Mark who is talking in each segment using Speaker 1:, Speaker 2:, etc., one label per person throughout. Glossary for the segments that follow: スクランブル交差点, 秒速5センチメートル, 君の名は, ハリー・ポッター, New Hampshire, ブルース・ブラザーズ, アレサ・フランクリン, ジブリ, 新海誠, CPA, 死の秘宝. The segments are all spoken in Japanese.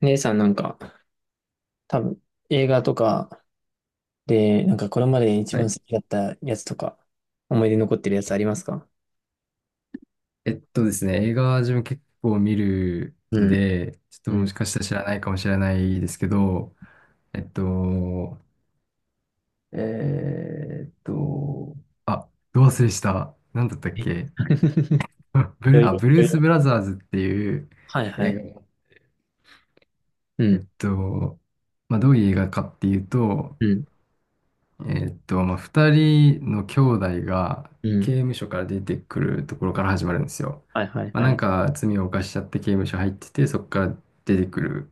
Speaker 1: 姉さんなんか、多分映画とかで、なんかこれまで一
Speaker 2: は
Speaker 1: 番好
Speaker 2: い。
Speaker 1: きだったやつとか、思い出に残ってるやつありますか？
Speaker 2: ですね、映画は自分結構見る
Speaker 1: う
Speaker 2: ん
Speaker 1: ん、
Speaker 2: で、ちょっと
Speaker 1: う
Speaker 2: もし
Speaker 1: ん。
Speaker 2: かしたら知らないかもしれないですけど、えっと、えーっと、あ、どう忘れした。なんだったっ
Speaker 1: え。
Speaker 2: け？あ
Speaker 1: そういう、
Speaker 2: ブル
Speaker 1: そうい
Speaker 2: ース・
Speaker 1: う。
Speaker 2: ブラザーズっていう
Speaker 1: はいは
Speaker 2: 映
Speaker 1: い。
Speaker 2: 画。
Speaker 1: う
Speaker 2: えっ
Speaker 1: ん、
Speaker 2: と、まあ、どういう映画かっていうと、
Speaker 1: うん、
Speaker 2: まあ、二人の兄弟が
Speaker 1: う
Speaker 2: 刑
Speaker 1: ん。
Speaker 2: 務所から出てくるところから始まるんですよ。
Speaker 1: はいはい
Speaker 2: まあ、
Speaker 1: は
Speaker 2: なん
Speaker 1: い。
Speaker 2: か罪を犯しちゃって刑務所入ってて、そこから出てくる。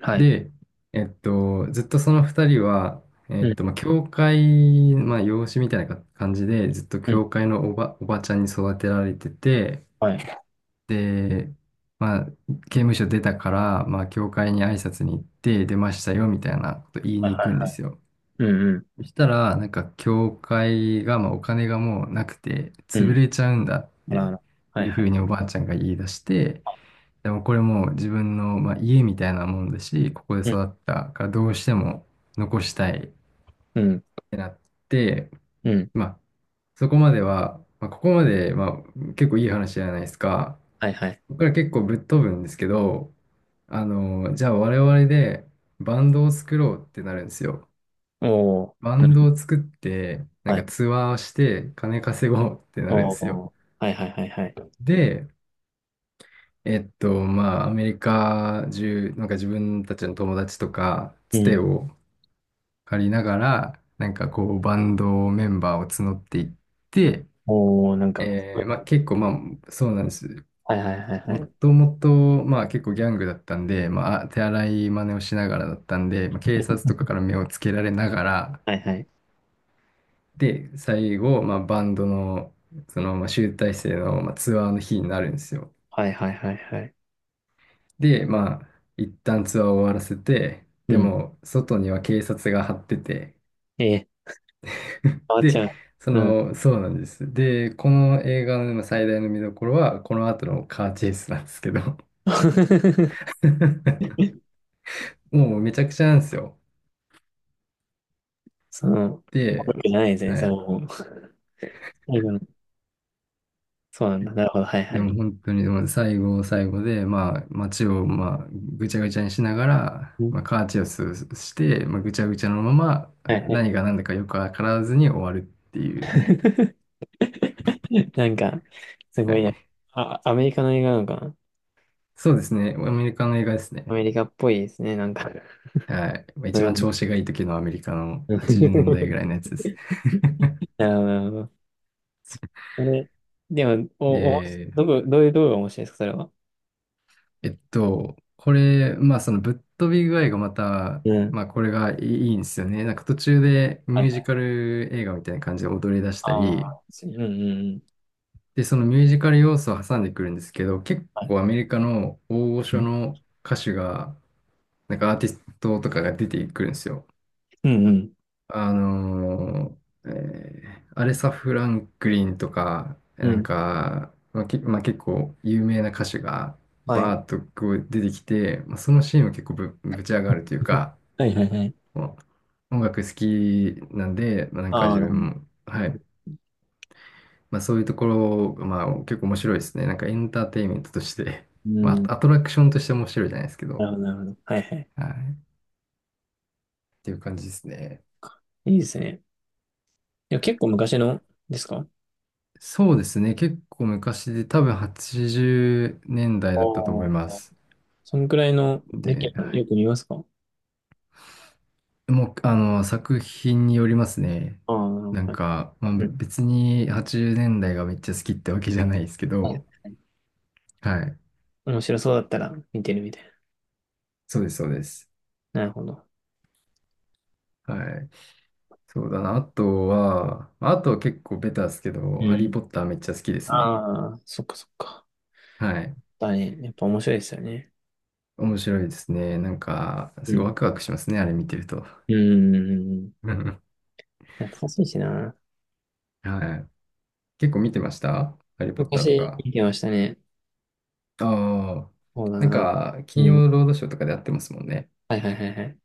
Speaker 1: はい。
Speaker 2: で、ずっとその二人は、
Speaker 1: うん、
Speaker 2: まあ、教会、まあ、養子みたいな感じで、ずっと
Speaker 1: うん。
Speaker 2: 教会のおばちゃんに育てられてて、
Speaker 1: はい。
Speaker 2: で、まあ、刑務所出たから、まあ、教会に挨拶に行って出ましたよみたいなこと言い
Speaker 1: はい
Speaker 2: に行
Speaker 1: は
Speaker 2: くんで
Speaker 1: い。
Speaker 2: すよ。
Speaker 1: うん、うん、
Speaker 2: そしたら、なんか、教会が、まあ、お金がもうなくて、潰
Speaker 1: う
Speaker 2: れちゃうんだっ
Speaker 1: ん。あら
Speaker 2: て
Speaker 1: あら。は
Speaker 2: い
Speaker 1: い
Speaker 2: う
Speaker 1: は
Speaker 2: ふう
Speaker 1: い。
Speaker 2: におばあちゃんが言い出して、でもこれもう自分の、まあ、家みたいなもんだし、ここで
Speaker 1: うん、
Speaker 2: 育ったからどうしても残したいっ
Speaker 1: うん、
Speaker 2: てなって、
Speaker 1: うん。
Speaker 2: まあ、そこまでは、まあ、ここまで、まあ、結構いい話じゃないですか。
Speaker 1: はいはい。
Speaker 2: ここから結構ぶっ飛ぶんですけど、あの、じゃあ我々でバンドを作ろうってなるんですよ。
Speaker 1: おー。
Speaker 2: バ
Speaker 1: う
Speaker 2: ンド
Speaker 1: ん、
Speaker 2: を作って、なん
Speaker 1: は
Speaker 2: か
Speaker 1: い。
Speaker 2: ツアーをして金稼ごうってなるんですよ。
Speaker 1: おー。はいはいはいはい。
Speaker 2: で、まあ、アメリカ中、なんか自分たちの友達とか、
Speaker 1: う
Speaker 2: つて
Speaker 1: ん。
Speaker 2: を借りながら、なんかこう、バンドメンバーを募っていって、
Speaker 1: おー、なんか、
Speaker 2: まあ結構、まあ、そうなんです。
Speaker 1: はいはいは
Speaker 2: も
Speaker 1: いはい。
Speaker 2: ともと、まあ結構ギャングだったんで、まあ手荒い真似をしながらだったんで、まあ、警察とかから目をつけられながら、
Speaker 1: はいはい。
Speaker 2: で、最後、まあ、バンドの、その、まあ、集大成の、まあ、ツアーの日になるんですよ。
Speaker 1: はいはいはいはい。
Speaker 2: で、まあ、一旦ツアーを終わらせて、
Speaker 1: う
Speaker 2: で
Speaker 1: ん。
Speaker 2: も、外には警察が張ってて、
Speaker 1: えー 変わっち
Speaker 2: で、
Speaker 1: ゃう。
Speaker 2: そ
Speaker 1: うん。
Speaker 2: の、そうなんです。で、この映画のまあ最大の見どころは、この後のカーチェイスなんですけど、もうめちゃくちゃなんですよ。
Speaker 1: その、僕
Speaker 2: で、
Speaker 1: じゃないですね、
Speaker 2: は
Speaker 1: それは
Speaker 2: い。
Speaker 1: もう。最後の、そうなんだ。なるほど、はいは
Speaker 2: で
Speaker 1: い。
Speaker 2: も本当に、でも最後で、まあ、街を、まあ、ぐちゃぐちゃにしながら、
Speaker 1: うん、
Speaker 2: まあ、カーチェイスして、まあ、ぐちゃぐちゃのまま、
Speaker 1: はいはい。
Speaker 2: 何が何だかよくわからずに終わるっていう。
Speaker 1: なんか、す
Speaker 2: は
Speaker 1: ごいね。
Speaker 2: い。
Speaker 1: あ、アメリカの映画なのかな？
Speaker 2: そうですね。アメリカの映画です
Speaker 1: ア
Speaker 2: ね。
Speaker 1: メリカっぽいですね、なんか。
Speaker 2: はい。まあ
Speaker 1: わ
Speaker 2: 一
Speaker 1: かん
Speaker 2: 番
Speaker 1: ない。
Speaker 2: 調子がいい時のアメリカの
Speaker 1: うん。
Speaker 2: 80年代ぐらいの やつです。
Speaker 1: なるほど、なるほど。これ、でも、お、おもし、
Speaker 2: で、
Speaker 1: どこ、どういう動画が面白いですか、それは？
Speaker 2: これ、まあそのぶっ飛び具合がまた、
Speaker 1: うん。
Speaker 2: まあこれがいいいいんですよね。なんか途中で
Speaker 1: はい
Speaker 2: ミュ
Speaker 1: は
Speaker 2: ージ
Speaker 1: い。
Speaker 2: カル映画みたいな感じで踊り出した
Speaker 1: あ
Speaker 2: り、
Speaker 1: あ、うんうんうん。
Speaker 2: で、そのミュージカル要素を挟んでくるんですけど、結
Speaker 1: はい。
Speaker 2: 構アメリカの大御
Speaker 1: う
Speaker 2: 所
Speaker 1: ん
Speaker 2: の歌手が、なんかアーティストとかが出てくるんですよ。
Speaker 1: うん。
Speaker 2: あのアレサ・フランクリンとか、
Speaker 1: う
Speaker 2: なん
Speaker 1: ん。
Speaker 2: か、まあ、まあ、結構有名な歌手が
Speaker 1: はい。
Speaker 2: バーッとこう出てきて、まあ、そのシーンは結構ぶち上がるという か、
Speaker 1: はいはいはい。
Speaker 2: もう音楽好きなんで、まあ、なんか
Speaker 1: あ
Speaker 2: 自
Speaker 1: あ、なるほ
Speaker 2: 分
Speaker 1: ど、
Speaker 2: も、はい、まあ、そういうところまあ、結構面白いですね。なんかエンターテインメントとして、
Speaker 1: う
Speaker 2: ま
Speaker 1: ん。
Speaker 2: あ、アトラクションとして面白いじゃないですけ
Speaker 1: な
Speaker 2: ど、
Speaker 1: るほど、なるほど。はいはい。
Speaker 2: はい。っていう感じですね。
Speaker 1: いいですね。いや、結構昔のですかあ？
Speaker 2: そうですね。結構昔で、多分80年代だいだったと思いま
Speaker 1: あ、
Speaker 2: す。
Speaker 1: そんくらいの歴
Speaker 2: で、
Speaker 1: もよく見ますか？
Speaker 2: もう、あの、作品によりますね。
Speaker 1: ああ、なる
Speaker 2: なん
Speaker 1: ほど。はい、
Speaker 2: か、まあ、
Speaker 1: うん。
Speaker 2: 別に80年代がめっちゃ好きってわけじゃないですけ
Speaker 1: はい
Speaker 2: ど、
Speaker 1: はい、
Speaker 2: はい。
Speaker 1: 面白そうだったら見てるみたい
Speaker 2: そうです、そうです。
Speaker 1: な。なるほど。
Speaker 2: はい。そうだな。あとは、まああとは結構ベタですけど、
Speaker 1: う
Speaker 2: ハリー・
Speaker 1: ん。
Speaker 2: ポッターめっちゃ好きですね。
Speaker 1: ああ、そっかそっか。
Speaker 2: はい。
Speaker 1: だね。やっぱ面白いですよね。
Speaker 2: 面白いですね。なんか、
Speaker 1: う
Speaker 2: すごい
Speaker 1: ん。
Speaker 2: ワクワクしますね、あれ見てると。
Speaker 1: う ん。
Speaker 2: うん。
Speaker 1: 懐かしいしな。
Speaker 2: はい。結構見てましたハリー・ポッターと
Speaker 1: 昔
Speaker 2: か。
Speaker 1: 見てましたね。
Speaker 2: ああ。
Speaker 1: そうだ
Speaker 2: なん
Speaker 1: な。
Speaker 2: か、金
Speaker 1: うん。
Speaker 2: 曜ロードショーとかでやってますもんね。
Speaker 1: はいはいはいはい。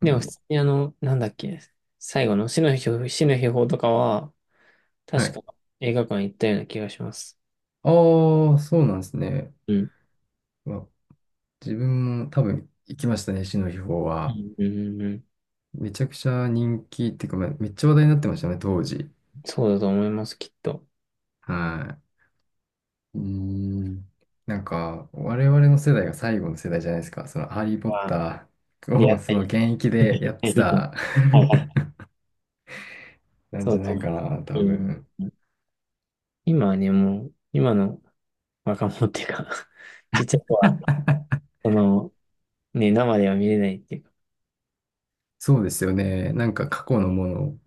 Speaker 2: う
Speaker 1: でも普
Speaker 2: ん。
Speaker 1: 通にあの、なんだっけ、最後の死の秘宝とかは、
Speaker 2: は
Speaker 1: 確
Speaker 2: い。
Speaker 1: か映画館行ったような気がします。
Speaker 2: ああ、そうなんですね。
Speaker 1: うん。
Speaker 2: わ自分も多分行きましたね、死の秘宝
Speaker 1: う
Speaker 2: は。
Speaker 1: ん、うん、うん。
Speaker 2: めちゃくちゃ人気っていうか、まあめっちゃ話題になってましたね、当時。
Speaker 1: そうだと思います、きっと。
Speaker 2: はい。うーん。なんか、我々の世代が最後の世代じゃないですか。その、ハリー・ポッ
Speaker 1: は、
Speaker 2: ター
Speaker 1: 出会
Speaker 2: を、
Speaker 1: っ
Speaker 2: そ
Speaker 1: た
Speaker 2: の、
Speaker 1: り。
Speaker 2: 現役でやっ
Speaker 1: はい、
Speaker 2: て
Speaker 1: 見て。
Speaker 2: た
Speaker 1: はいはい。
Speaker 2: なん
Speaker 1: そ
Speaker 2: じ
Speaker 1: う
Speaker 2: ゃ
Speaker 1: だと
Speaker 2: ない
Speaker 1: 思いま
Speaker 2: か
Speaker 1: す。
Speaker 2: な、多
Speaker 1: うん。
Speaker 2: 分。
Speaker 1: 今はね、もう、今の若者っていうか、 ちっちゃい子は、その、ね、生では見れないっていうか、
Speaker 2: そうですよね。なんか、過去のもの、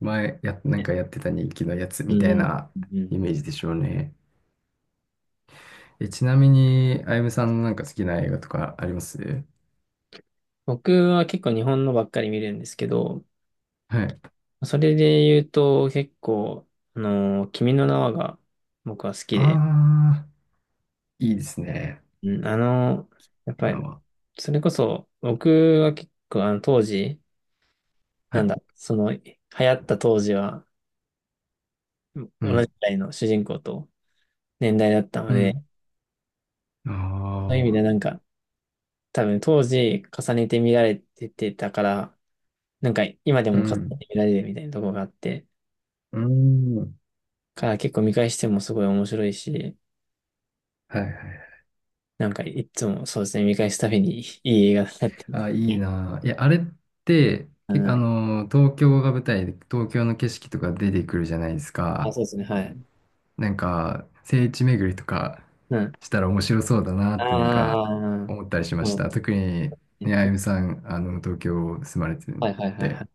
Speaker 2: なん
Speaker 1: ね。
Speaker 2: かやってた人気のやつ
Speaker 1: う
Speaker 2: みたい
Speaker 1: ん。
Speaker 2: な
Speaker 1: うん。
Speaker 2: イメージでしょうね。え、ちなみに、あゆむさんのなんか好きな映画とかあります？
Speaker 1: 僕は結構日本のばっかり見るんですけど、
Speaker 2: はい。
Speaker 1: それで言うと、結構、あの、君の名はが僕は好き
Speaker 2: あ
Speaker 1: で、
Speaker 2: あ、いいですね。
Speaker 1: うん、あの、やっぱ
Speaker 2: 今
Speaker 1: り、
Speaker 2: は。
Speaker 1: それこそ、僕は結構、あの、当時、
Speaker 2: は
Speaker 1: なん
Speaker 2: い。
Speaker 1: だ、その、流行った当時は、
Speaker 2: う
Speaker 1: 同じく
Speaker 2: ん。
Speaker 1: らいの主人公と年代だったの
Speaker 2: う
Speaker 1: で、
Speaker 2: ん。あ
Speaker 1: そういう意味でなん
Speaker 2: あ。
Speaker 1: か、多分当時重ねて見られててたから、なんか今で
Speaker 2: う
Speaker 1: も重ね
Speaker 2: ん。
Speaker 1: て見られるみたいなとこがあって、
Speaker 2: うん。
Speaker 1: から結構見返してもすごい面白いし、
Speaker 2: はいはい。
Speaker 1: なんかいつもそうですね、見返すたびにいい映画だなって。
Speaker 2: あ、いいなぁ。いや、あれって、
Speaker 1: う
Speaker 2: け、あ
Speaker 1: ん。
Speaker 2: のー、東京が舞台で、東京の景色とか出てくるじゃないです
Speaker 1: あ、
Speaker 2: か。
Speaker 1: そうですね、はい。
Speaker 2: なんか、聖地巡りとか
Speaker 1: うん。
Speaker 2: したら面白そうだなってなん
Speaker 1: あ
Speaker 2: か
Speaker 1: あ、
Speaker 2: 思ったりしま
Speaker 1: で
Speaker 2: し
Speaker 1: も、
Speaker 2: た。特に、ね、あゆむさん、あの、東京住まれて
Speaker 1: はいはいはいは
Speaker 2: て。
Speaker 1: い。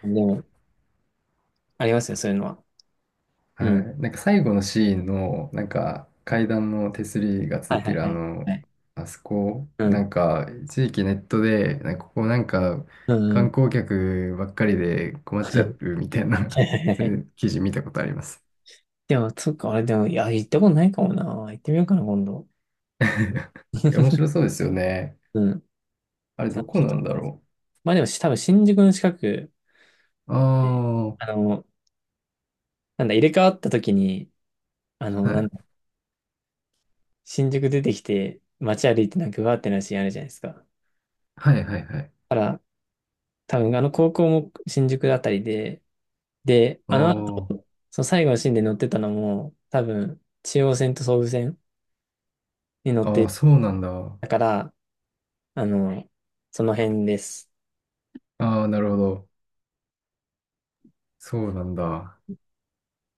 Speaker 1: でも、ありますよ、そういうのは。
Speaker 2: は
Speaker 1: うん。
Speaker 2: い。なんか最後のシーンの、なんか階段の手すりがつ
Speaker 1: はい
Speaker 2: い
Speaker 1: は
Speaker 2: て
Speaker 1: い
Speaker 2: る
Speaker 1: は
Speaker 2: あ
Speaker 1: い。は
Speaker 2: の、
Speaker 1: い。
Speaker 2: あそこ、
Speaker 1: う
Speaker 2: な
Speaker 1: ん。
Speaker 2: んか一時期ネットで、なんかここなんか
Speaker 1: うんう
Speaker 2: 観
Speaker 1: ん。
Speaker 2: 光客ばっかりで 困っ
Speaker 1: は
Speaker 2: ちゃう
Speaker 1: い
Speaker 2: みたい
Speaker 1: は
Speaker 2: な
Speaker 1: い
Speaker 2: そ
Speaker 1: は
Speaker 2: うい
Speaker 1: い。
Speaker 2: う記事見たことあります。
Speaker 1: でも、そっか、あれでも、いや、行ったことないかもな。行ってみようかな、今度。
Speaker 2: 面白そうですよね。
Speaker 1: うん。
Speaker 2: あれどこ
Speaker 1: ちょっ
Speaker 2: な
Speaker 1: と、
Speaker 2: んだろ
Speaker 1: まあでも、多分新宿の近く
Speaker 2: う。
Speaker 1: で、
Speaker 2: あ
Speaker 1: あ
Speaker 2: あ、
Speaker 1: の、なんだ、入れ替わった時に、あの、
Speaker 2: は
Speaker 1: なん
Speaker 2: い。
Speaker 1: だ、新宿出てきて、街歩いてなんかうわーってなるシーンあるじゃないですか。だ
Speaker 2: はいはいはい。
Speaker 1: から、多分あの高校も新宿あたりで、で、あの後、
Speaker 2: あ
Speaker 1: その最後のシーンで乗ってたのも、多分中央線と総武線に乗っ
Speaker 2: あ、ああ、
Speaker 1: て
Speaker 2: そうなんだ。
Speaker 1: たから、あの、その辺です。
Speaker 2: ああ、なるほど。そうなんだ。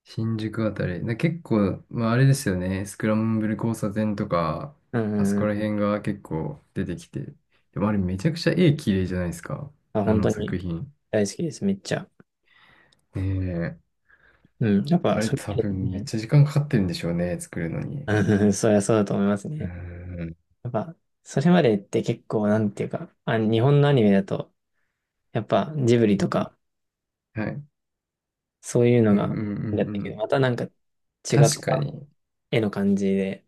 Speaker 2: 新宿あたり。結構、まああれですよね。スクランブル交差点とか、
Speaker 1: う
Speaker 2: あそ
Speaker 1: んう
Speaker 2: こ
Speaker 1: ん
Speaker 2: ら
Speaker 1: うん。
Speaker 2: 辺が結構出てきて。でもあれめちゃくちゃ絵綺麗じゃないですか。
Speaker 1: まあ、
Speaker 2: あ
Speaker 1: 本当
Speaker 2: の作
Speaker 1: に
Speaker 2: 品。
Speaker 1: 大好きです、めっちゃ。
Speaker 2: ねえ。
Speaker 1: うん。やっぱ、
Speaker 2: あれ
Speaker 1: それ
Speaker 2: 多
Speaker 1: ま
Speaker 2: 分め
Speaker 1: で、
Speaker 2: っ
Speaker 1: ね、
Speaker 2: ちゃ時間かかってるんでしょうね。作るのに。う
Speaker 1: うん、そりゃそうだと思います
Speaker 2: ー
Speaker 1: ね。
Speaker 2: ん。
Speaker 1: やっぱ、それまでって結構、なんていうか、あ、日本のアニメだと、やっぱジブリとか、
Speaker 2: はい。
Speaker 1: そういうの
Speaker 2: うんうん
Speaker 1: が、
Speaker 2: う
Speaker 1: やっ
Speaker 2: ん
Speaker 1: て
Speaker 2: う
Speaker 1: るけど、
Speaker 2: ん。
Speaker 1: またなんか違った
Speaker 2: 確かに。
Speaker 1: 絵の感じで、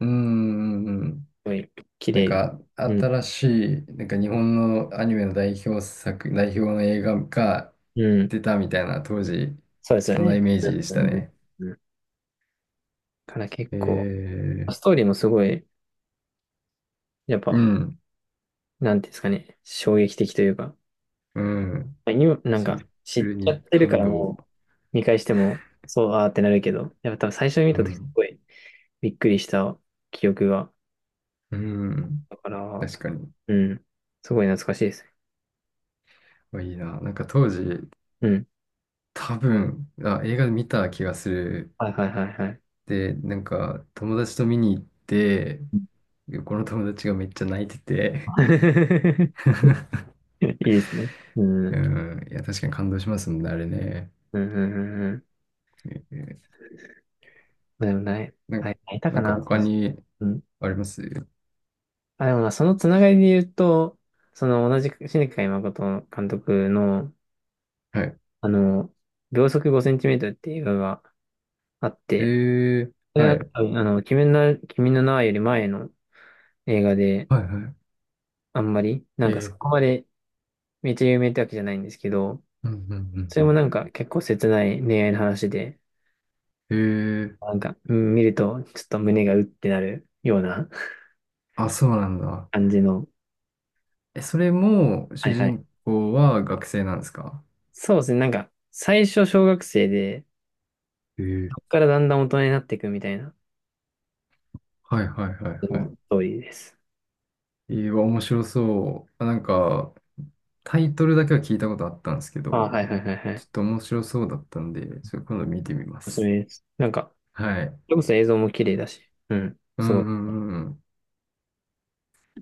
Speaker 2: うんうんうん。
Speaker 1: ごい綺
Speaker 2: なん
Speaker 1: 麗。
Speaker 2: か、
Speaker 1: うん。
Speaker 2: 新しい、なんか日本のアニメの代表作、代表の映画が
Speaker 1: うん。
Speaker 2: 出たみたいな、当時、
Speaker 1: そうですよ
Speaker 2: そんな
Speaker 1: ね。
Speaker 2: イメージでし
Speaker 1: う
Speaker 2: た
Speaker 1: ん。
Speaker 2: ね。
Speaker 1: うん、から結
Speaker 2: え
Speaker 1: 構、
Speaker 2: ー、
Speaker 1: ストーリーもすごい、やっ
Speaker 2: う
Speaker 1: ぱ、
Speaker 2: ん、
Speaker 1: なんていうんですかね、衝撃的というか、
Speaker 2: うん。
Speaker 1: 今、なん
Speaker 2: シ
Speaker 1: か、
Speaker 2: ン
Speaker 1: 知
Speaker 2: プ
Speaker 1: っ
Speaker 2: ル
Speaker 1: ちゃっ
Speaker 2: に
Speaker 1: てるか
Speaker 2: 感
Speaker 1: ら
Speaker 2: 動。
Speaker 1: もう、見返しても、そう、あーってなるけど、やっぱ多分最初に見
Speaker 2: う
Speaker 1: たとき、す
Speaker 2: ん、
Speaker 1: ごいびっくりした記憶が、
Speaker 2: うん。
Speaker 1: だから、
Speaker 2: 確かに。
Speaker 1: うん。すごい懐かしいです。
Speaker 2: いいな。なんか当時、
Speaker 1: うん。
Speaker 2: 多分、あ、映画見た気がする。
Speaker 1: はいはいはいはい。
Speaker 2: で、なんか、友達と見に行って、この友達がめっちゃ泣いてて
Speaker 1: いいですね。うん。う
Speaker 2: う
Speaker 1: ん
Speaker 2: ん。いや、確かに感動しますもんね、あれね。
Speaker 1: うんうんうん。
Speaker 2: えー
Speaker 1: でもない、
Speaker 2: な
Speaker 1: は
Speaker 2: ん
Speaker 1: い、いたか
Speaker 2: なんか
Speaker 1: な。そ
Speaker 2: 他
Speaker 1: の、
Speaker 2: に
Speaker 1: うん。
Speaker 2: あります？
Speaker 1: あ、でもまあ、そのつながりで言うと、その同じ新海誠監督の、
Speaker 2: はい。
Speaker 1: あの、秒速5センチメートルっていう映画があっ
Speaker 2: え
Speaker 1: て、それ
Speaker 2: は
Speaker 1: は
Speaker 2: い。
Speaker 1: 多分、あの、君の名はより前の映画で、
Speaker 2: はいは
Speaker 1: あんまり、な
Speaker 2: い。
Speaker 1: んかそ
Speaker 2: ー、
Speaker 1: こまでめっちゃ有名ってわけじゃないんですけど、
Speaker 2: うんうん
Speaker 1: そ
Speaker 2: う
Speaker 1: れも
Speaker 2: ん
Speaker 1: なんか結構切ない恋愛の話で、
Speaker 2: うん。
Speaker 1: なんか、うん、見るとちょっと胸がうってなるような、
Speaker 2: あ、そうなんだ。
Speaker 1: 感じの、
Speaker 2: え、それも
Speaker 1: は
Speaker 2: 主
Speaker 1: いはい。
Speaker 2: 人公は学生なんですか？
Speaker 1: そうですね、なんか、最初小学生で、
Speaker 2: えー、
Speaker 1: からだんだん大人になっていくみたいな、
Speaker 2: はいはいはいは
Speaker 1: う
Speaker 2: い。
Speaker 1: ん。ストーリーです。
Speaker 2: わ面白そう。あ、なんか、タイトルだけは聞いたことあったんですけ
Speaker 1: ああ、
Speaker 2: ど、
Speaker 1: はいはいはいは
Speaker 2: ちょ
Speaker 1: い。
Speaker 2: っと面白そうだったんで、それ今度見てみま
Speaker 1: おすす
Speaker 2: す。
Speaker 1: めです。なんか、
Speaker 2: はい。
Speaker 1: それこそ映像も綺麗だし、うん。
Speaker 2: う
Speaker 1: す
Speaker 2: ん
Speaker 1: ごい。
Speaker 2: うんうんうん。